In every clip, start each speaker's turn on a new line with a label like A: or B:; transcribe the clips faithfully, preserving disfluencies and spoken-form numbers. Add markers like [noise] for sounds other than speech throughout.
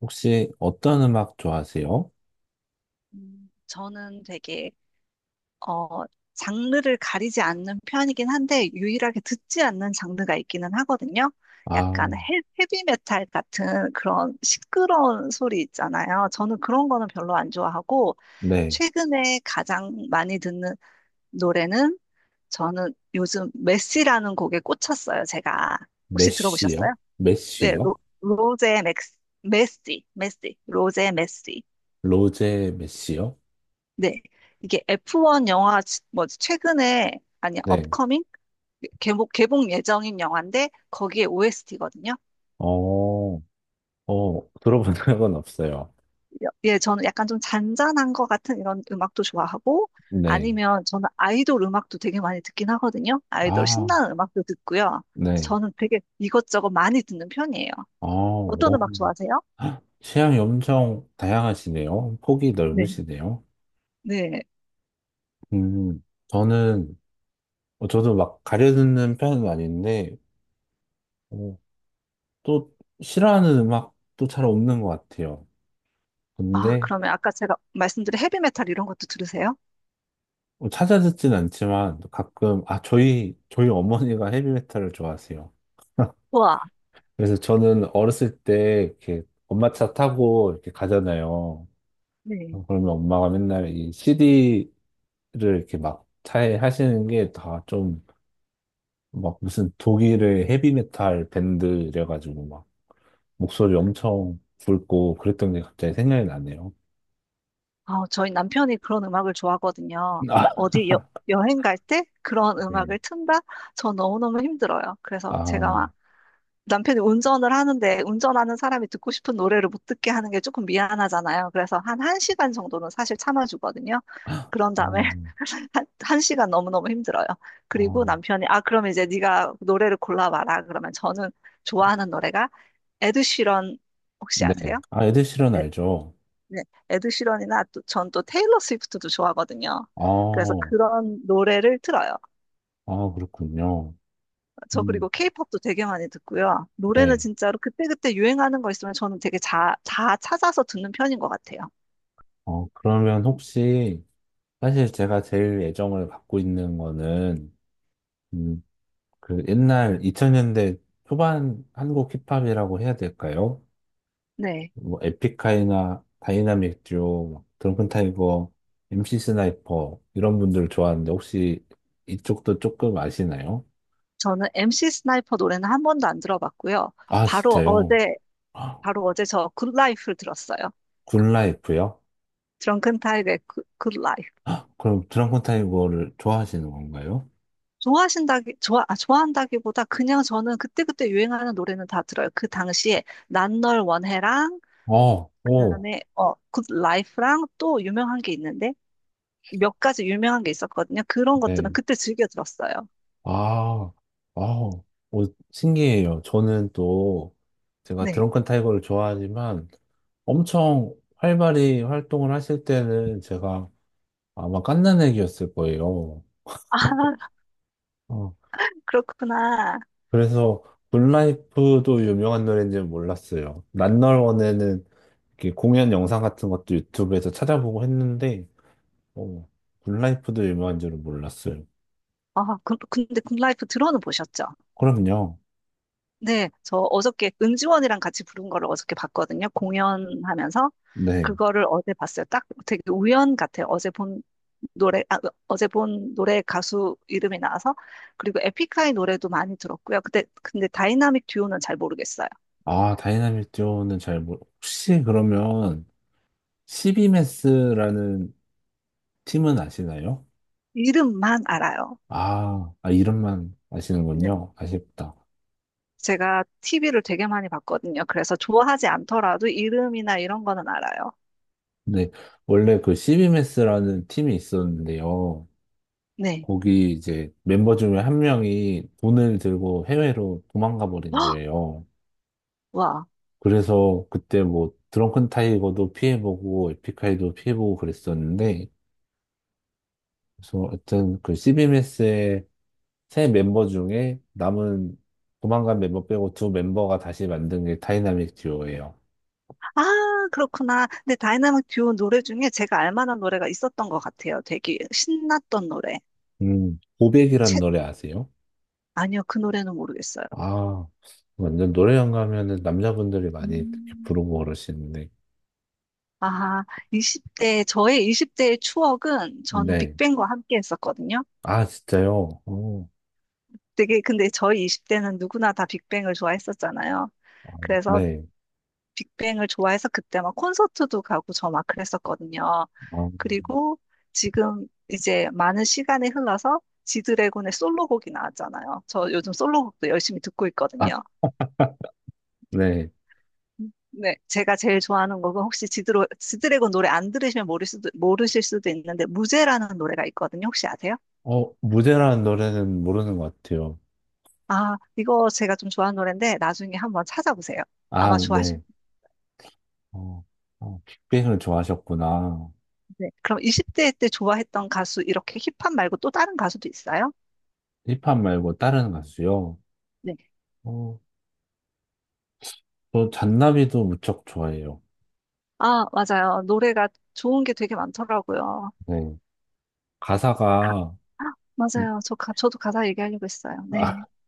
A: 혹시 어떤 음악 좋아하세요?
B: 음, 저는 되게, 어, 장르를 가리지 않는 편이긴 한데, 유일하게 듣지 않는 장르가 있기는 하거든요.
A: 아,
B: 약간 헤, 헤비메탈 같은 그런 시끄러운 소리 있잖아요. 저는 그런 거는 별로 안 좋아하고,
A: 네.
B: 최근에 가장 많이 듣는 노래는, 저는 요즘 메시라는 곡에 꽂혔어요, 제가. 혹시 들어보셨어요?
A: 메시요?
B: 네, 로,
A: 메시요?
B: 로제 맥스, 메시, 메시, 로제 메시.
A: 로제 메시요?
B: 네. 이게 에프원 영화, 뭐지, 최근에, 아니,
A: 네.
B: 업커밍? 개봉, 개봉 예정인 영화인데, 거기에 오에스티거든요.
A: 어, 어, 들어본 [laughs] 적은 없어요.
B: 예, 저는 약간 좀 잔잔한 것 같은 이런 음악도 좋아하고,
A: 네.
B: 아니면 저는 아이돌 음악도 되게 많이 듣긴 하거든요. 아이돌
A: 아,
B: 신나는 음악도 듣고요.
A: 네.
B: 저는 되게 이것저것 많이 듣는 편이에요.
A: 아,
B: 어떤
A: 오.
B: 음악 좋아하세요?
A: [gasps] 헉, 취향이 엄청 다양하시네요. 폭이
B: 네.
A: 넓으시네요.
B: 네.
A: 음, 저는, 어, 저도 막 가려듣는 편은 아닌데, 어, 또 싫어하는 음악도 잘 없는 것 같아요.
B: 아,
A: 근데,
B: 그러면 아까 제가 말씀드린 헤비메탈 이런 것도 들으세요?
A: 뭐 찾아듣진 않지만 가끔 아 저희 저희 어머니가 헤비메탈을 좋아하세요. [laughs]
B: 와,
A: 그래서 저는 어렸을 때 이렇게 엄마 차 타고 이렇게 가잖아요.
B: 네.
A: 그러면 엄마가 맨날 이 씨디를 이렇게 막 차에 하시는 게 다 좀 막 무슨 독일의 헤비메탈 밴드 래가지고 막 목소리 엄청 굵고 그랬던 게 갑자기 생각이 나네요.
B: 어, 저희 남편이 그런 음악을 좋아하거든요.
A: [laughs] 아,
B: 어디 여, 여행 갈 때 그런
A: 네.
B: 음악을 튼다? 저 너무너무 힘들어요. 그래서 제가
A: 아,
B: 막 남편이 운전을 하는데 운전하는 사람이 듣고 싶은 노래를 못 듣게 하는 게 조금 미안하잖아요. 그래서 한 1시간 정도는 사실 참아주거든요. 그런 다음에
A: 어,
B: [laughs] 한, 한 시간 너무너무 힘들어요. 그리고
A: 어,
B: 남편이 아 그럼 이제 네가 노래를 골라봐라. 그러면 저는 좋아하는 노래가 에드 시런 혹시
A: 네.
B: 아세요?
A: 아, 에드 시런 알죠?
B: 네, 에드시런이나 또, 전 또 테일러 스위프트도 좋아하거든요.
A: 아,
B: 그래서 그런 노래를 틀어요.
A: 아, 그렇군요.
B: 저 그리고
A: 음,
B: 케이팝도 되게 많이 듣고요. 노래는
A: 네.
B: 진짜로 그때그때 유행하는 거 있으면 저는 되게 자, 다 찾아서 듣는 편인 것 같아요.
A: 어, 그러면 혹시, 사실 제가 제일 애정을 갖고 있는 거는, 음, 그 옛날 이천 년대 초반 한국 힙합이라고 해야 될까요?
B: 네.
A: 뭐, 에픽하이나 다이나믹 듀오, 막 드렁큰 타이거, 엠씨 스나이퍼, 이런 분들 좋아하는데, 혹시 이쪽도 조금 아시나요?
B: 저는 엠씨 스나이퍼 노래는 한 번도 안 들어봤고요.
A: 아,
B: 바로
A: 진짜요?
B: 어제,
A: 아,
B: 바로 어제 저 굿라이프를 들었어요.
A: 굿라이프요?
B: 드렁큰 타이거의 굿, 굿라이프.
A: 아, 그럼 드렁큰 타이거를 좋아하시는 건가요?
B: 좋아하신다기, 좋아, 아, 좋아한다기보다 그냥 저는 그때그때 유행하는 노래는 다 들어요. 그 당시에 난 널 원해랑
A: 어, 오,
B: 그다음에 어, 굿라이프랑 또 유명한 게 있는데 몇 가지 유명한 게 있었거든요. 그런 것들은
A: 네.
B: 그때 즐겨 들었어요.
A: 아, 아우, 어, 신기해요. 저는 또 제가
B: 네.
A: 드렁큰 타이거를 좋아하지만 엄청 활발히 활동을 하실 때는 제가 아마 갓난애기였을 거예요.
B: 아, [laughs]
A: 어,
B: 그렇구나.
A: 그래서 굿라이프도 유명한 노래인지는 몰랐어요. 난널원에는 이렇게 공연 영상 같은 것도 유튜브에서 찾아보고 했는데, 어, 굿라이프도 유명한 줄은 몰랐어요.
B: 아, 그- 근데 굿라이프 들어는 보셨죠?
A: 그럼요.
B: 네, 저 어저께 은지원이랑 같이 부른 거를 어저께 봤거든요. 공연하면서
A: 네.
B: 그거를 어제 봤어요. 딱 되게 우연 같아요. 어제 본 노래, 아, 어제 본 노래 가수 이름이 나와서 그리고 에픽하이 노래도 많이 들었고요. 그때 근데 다이나믹 듀오는 잘 모르겠어요.
A: 아, 다이나믹 듀오는 잘 모르, 혹시 그러면 시비메스라는 팀은 아시나요?
B: 이름만 알아요.
A: 아, 아, 이름만
B: 네.
A: 아시는군요. 아쉽다.
B: 제가 티비를 되게 많이 봤거든요. 그래서 좋아하지 않더라도 이름이나 이런 거는 알아요.
A: 근데 원래 그 시비메스라는 팀이 있었는데요.
B: 네.
A: 거기 이제 멤버 중에 한 명이 돈을 들고 해외로 도망가 버린
B: 헉!
A: 거예요.
B: 와.
A: 그래서 그때 뭐 드렁큰 타이거도 피해보고 에픽하이도 피해보고 그랬었는데 그래서 하여튼 그 시비메스의 세 멤버 중에 남은 도망간 멤버 빼고 두 멤버가 다시 만든 게 다이나믹 듀오예요.
B: 아, 그렇구나. 근데 다이나믹 듀오 노래 중에 제가 알 만한 노래가 있었던 것 같아요. 되게 신났던 노래.
A: 음, 고백이라는
B: 채...
A: 노래 아세요?
B: 아니요, 그 노래는 모르겠어요.
A: 아, 완전 노래방 가면은 남자분들이 많이 이렇게
B: 음.
A: 부르고 그러시는데.
B: 아, 이십 대, 저의 이십 대의 추억은 저는
A: 네.
B: 빅뱅과 함께 했었거든요.
A: 아, 진짜요? 어,
B: 되게, 근데 저희 이십 대는 누구나 다 빅뱅을 좋아했었잖아요.
A: 아,
B: 그래서
A: 네.
B: 빅뱅을 좋아해서 그때 막 콘서트도 가고 저 막 그랬었거든요.
A: 어,
B: 그리고 지금 이제 많은 시간이 흘러서 지드래곤의 솔로곡이 나왔잖아요. 저 요즘 솔로곡도 열심히 듣고
A: 아,
B: 있거든요.
A: 네.
B: 네, 제가 제일 좋아하는 곡은 혹시 지드로, 지드래곤 노래 안 들으시면 모를 수도, 모르실 수도 있는데 무제라는 노래가 있거든요. 혹시 아세요?
A: 어, 무대라는 노래는 모르는 것 같아요.
B: 아, 이거 제가 좀 좋아하는 노래인데 나중에 한번 찾아보세요.
A: 아,
B: 아마 좋아하실
A: 네. 어, 어, 빅뱅을 좋아하셨구나.
B: 텐데. 그럼 이십 대 때 좋아했던 가수 이렇게 힙합 말고 또 다른 가수도 있어요?
A: 힙합 말고 다른 가수요?
B: 네.
A: 어, 저 잔나비도 무척 좋아해요.
B: 아, 맞아요. 노래가 좋은 게 되게 많더라고요.
A: 네.
B: 가,
A: 가사가, 음,
B: 맞아요. 저 가, 저도 가사 얘기하려고 했어요.
A: 아,
B: 네.
A: [laughs]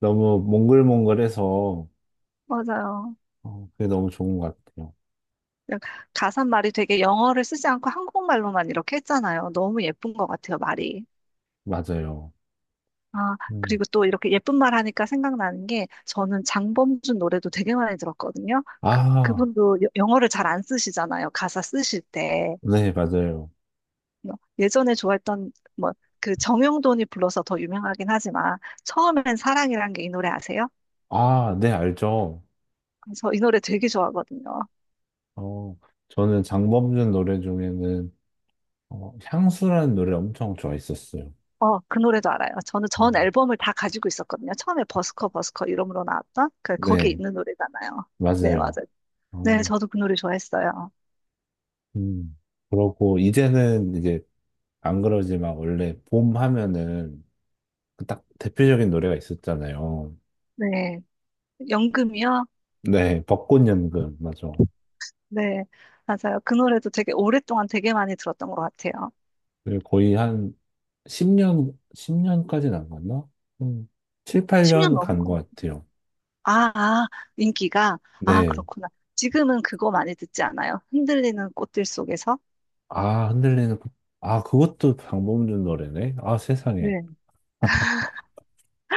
A: 너무 몽글몽글해서,
B: 맞아요.
A: 어, 그게 너무 좋은 것 같아요.
B: 그냥 가사 말이 되게 영어를 쓰지 않고 한국말로만 이렇게 했잖아요. 너무 예쁜 것 같아요, 말이.
A: 맞아요.
B: 아,
A: 음.
B: 그리고 또 이렇게 예쁜 말 하니까 생각나는 게 저는 장범준 노래도 되게 많이 들었거든요. 그,
A: 아,
B: 그분도 여- 영어를 잘 안 쓰시잖아요. 가사 쓰실 때.
A: 네, 맞아요.
B: 뭐, 예전에 좋아했던 뭐 그 정용돈이 불러서 더 유명하긴 하지만 처음엔 사랑이란 게 이 노래 아세요?
A: 아, 네, 알죠.
B: 저 이 노래 되게 좋아하거든요.
A: 어, 저는 장범준 노래 중에는 어, 향수라는 노래 엄청 좋아했었어요.
B: 어, 그 노래도 알아요. 저는 전
A: 음,
B: 앨범을 다 가지고 있었거든요. 처음에 버스커 버스커 이름으로 나왔던 그 거기에
A: 네,
B: 있는 노래잖아요. 네,
A: 맞아요.
B: 맞아요. 네,
A: 어,
B: 저도 그 노래 좋아했어요.
A: 음. 그러고 이제는 이제 안 그러지만 원래 봄 하면은 그딱 대표적인 노래가 있었잖아요.
B: 네, 연금이요?
A: 네, 벚꽃연금, 맞아.
B: 네, 맞아요. 그 노래도 되게 오랫동안 되게 많이 들었던 것 같아요.
A: 그게 거의 한 십 년, 십 년까지는 안 갔나? 음, 칠,
B: 십 년
A: 팔 년
B: 넘은
A: 간
B: 것
A: 것
B: 같아요.
A: 같아요.
B: 아, 아, 인기가. 아,
A: 네.
B: 그렇구나. 지금은 그거 많이 듣지 않아요? 흔들리는 꽃들 속에서?
A: 아, 흔들리는, 꽃. 아, 그것도 방범준 노래네. 아, 세상에.
B: 네.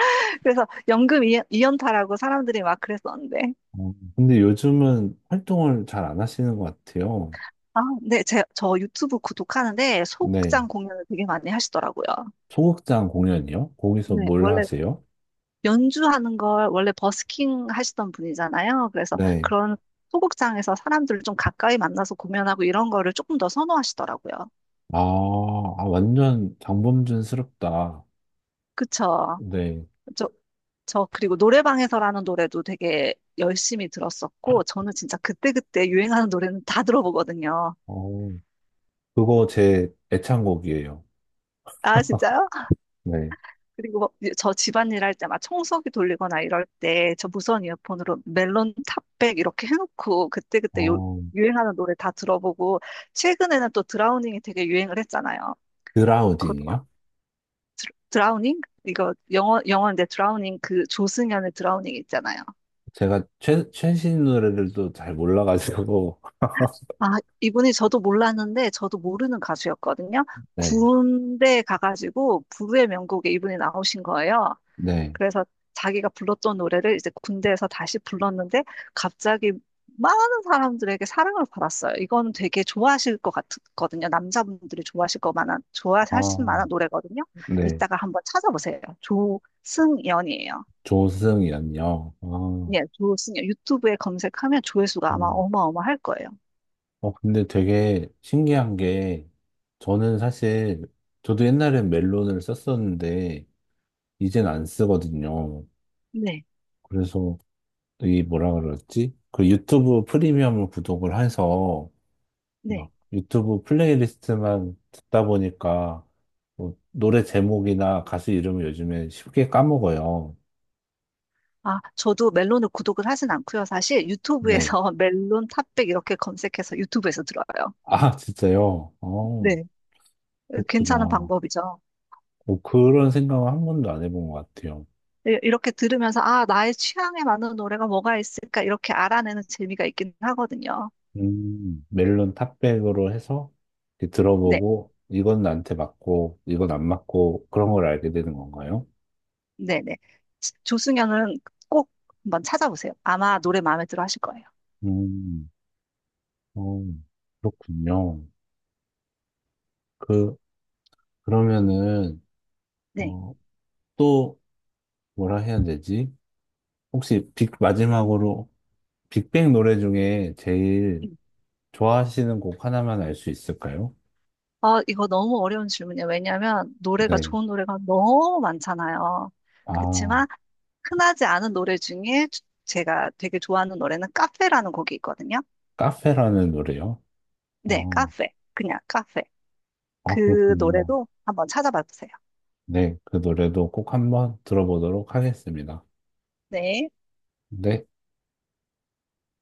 B: [laughs] 그래서 연금 이- 이연타라고 사람들이 막 그랬었는데.
A: 어, 근데 요즘은 활동을 잘 안 하시는 것 같아요.
B: 아, 네, 제, 저 유튜브 구독하는데
A: 네.
B: 소극장 공연을 되게 많이 하시더라고요.
A: 소극장 공연이요? 거기서
B: 네,
A: 뭘
B: 원래
A: 하세요?
B: 연주하는 걸 원래 버스킹 하시던 분이잖아요. 그래서
A: 네.
B: 그런 소극장에서 사람들을 좀 가까이 만나서 공연하고 이런 거를 조금 더 선호하시더라고요.
A: 아, 아, 완전 장범준스럽다.
B: 그쵸?
A: 네.
B: 저, 저 그리고 노래방에서라는 노래도 되게 열심히 들었었고 저는 진짜 그때그때 유행하는 노래는 다 들어보거든요.
A: 어, 그거 제 애창곡이에요.
B: 아, 진짜요?
A: 네.
B: 그리고 뭐 저 집안일 할 때 막 청소기 돌리거나 이럴 때 저 무선 이어폰으로 멜론 탑백 이렇게 해놓고 그때그때 요,
A: 어,
B: 유행하는 노래 다 들어보고 최근에는 또 드라우닝이 되게 유행을 했잖아요. 그것도 막
A: 그라우딩이요?
B: 드, 드라우닝? 이거 영어, 영어인데 드라우닝 그 조승연의 드라우닝 있잖아요.
A: 제가 최, 최신 노래들도 잘 몰라가지고.
B: 아, 이분이 저도 몰랐는데 저도 모르는 가수였거든요.
A: [laughs] 네.
B: 군대 가가지고 부의 명곡에 이분이 나오신 거예요.
A: 네.
B: 그래서 자기가 불렀던 노래를 이제 군대에서 다시 불렀는데 갑자기 많은 사람들에게 사랑을 받았어요. 이거는 되게 좋아하실 것 같거든요. 남자분들이 좋아하실 것 만한,
A: 아,
B: 좋아하실 만한 노래거든요.
A: 네.
B: 이따가 한번 찾아보세요. 조승연이에요.
A: 조승이란요. 아,
B: 예, 조승연. 유튜브에 검색하면 조회수가 아마
A: 어.
B: 어마어마할 거예요.
A: 어, 근데 되게 신기한 게, 저는 사실, 저도 옛날엔 멜론을 썼었는데, 이젠 안 쓰거든요.
B: 네,
A: 그래서, 이 뭐라 그러지? 그 유튜브 프리미엄을 구독을 해서,
B: 네.
A: 막 유튜브 플레이리스트만 듣다 보니까, 뭐 노래 제목이나 가수 이름을 요즘에 쉽게 까먹어요.
B: 아, 저도 멜론을 구독을 하진 않고요. 사실
A: 네.
B: 유튜브에서 [laughs] 멜론 탑백 이렇게 검색해서 유튜브에서 들어요.
A: 아, 진짜요? 어,
B: 네, 괜찮은
A: 그렇구나.
B: 방법이죠.
A: 뭐 그런 생각은 한 번도 안 해본 것 같아요.
B: 이- 이렇게 들으면서 아, 나의 취향에 맞는 노래가 뭐가 있을까 이렇게 알아내는 재미가 있긴 하거든요.
A: 음, 멜론 탑백으로 해서 이렇게
B: 네,
A: 들어보고, 이건 나한테 맞고, 이건 안 맞고, 그런 걸 알게 되는 건가요?
B: 네, 네. 조승연은 꼭 한번 찾아보세요. 아마 노래 마음에 들어 하실 거예요.
A: 음, 어, 그렇군요. 그, 그러면은,
B: 네.
A: 어, 또, 뭐라 해야 되지? 혹시 빅, 마지막으로 빅뱅 노래 중에 제일
B: 음.
A: 좋아하시는 곡 하나만 알 수 있을까요?
B: 어, 이거 너무 어려운 질문이에요. 왜냐하면 노래가
A: 네.
B: 좋은 노래가 너무 많잖아요.
A: 아,
B: 그렇지만 흔하지 않은 노래 중에 주- 제가 되게 좋아하는 노래는 카페라는 곡이 있거든요.
A: 카페라는 노래요?
B: 네,
A: 어,
B: 카페. 그냥 카페.
A: 아,
B: 그
A: 그렇군요.
B: 노래도 한번 찾아봐 보세요.
A: 네, 그 노래도 꼭 한번 들어보도록 하겠습니다.
B: 네.
A: 네.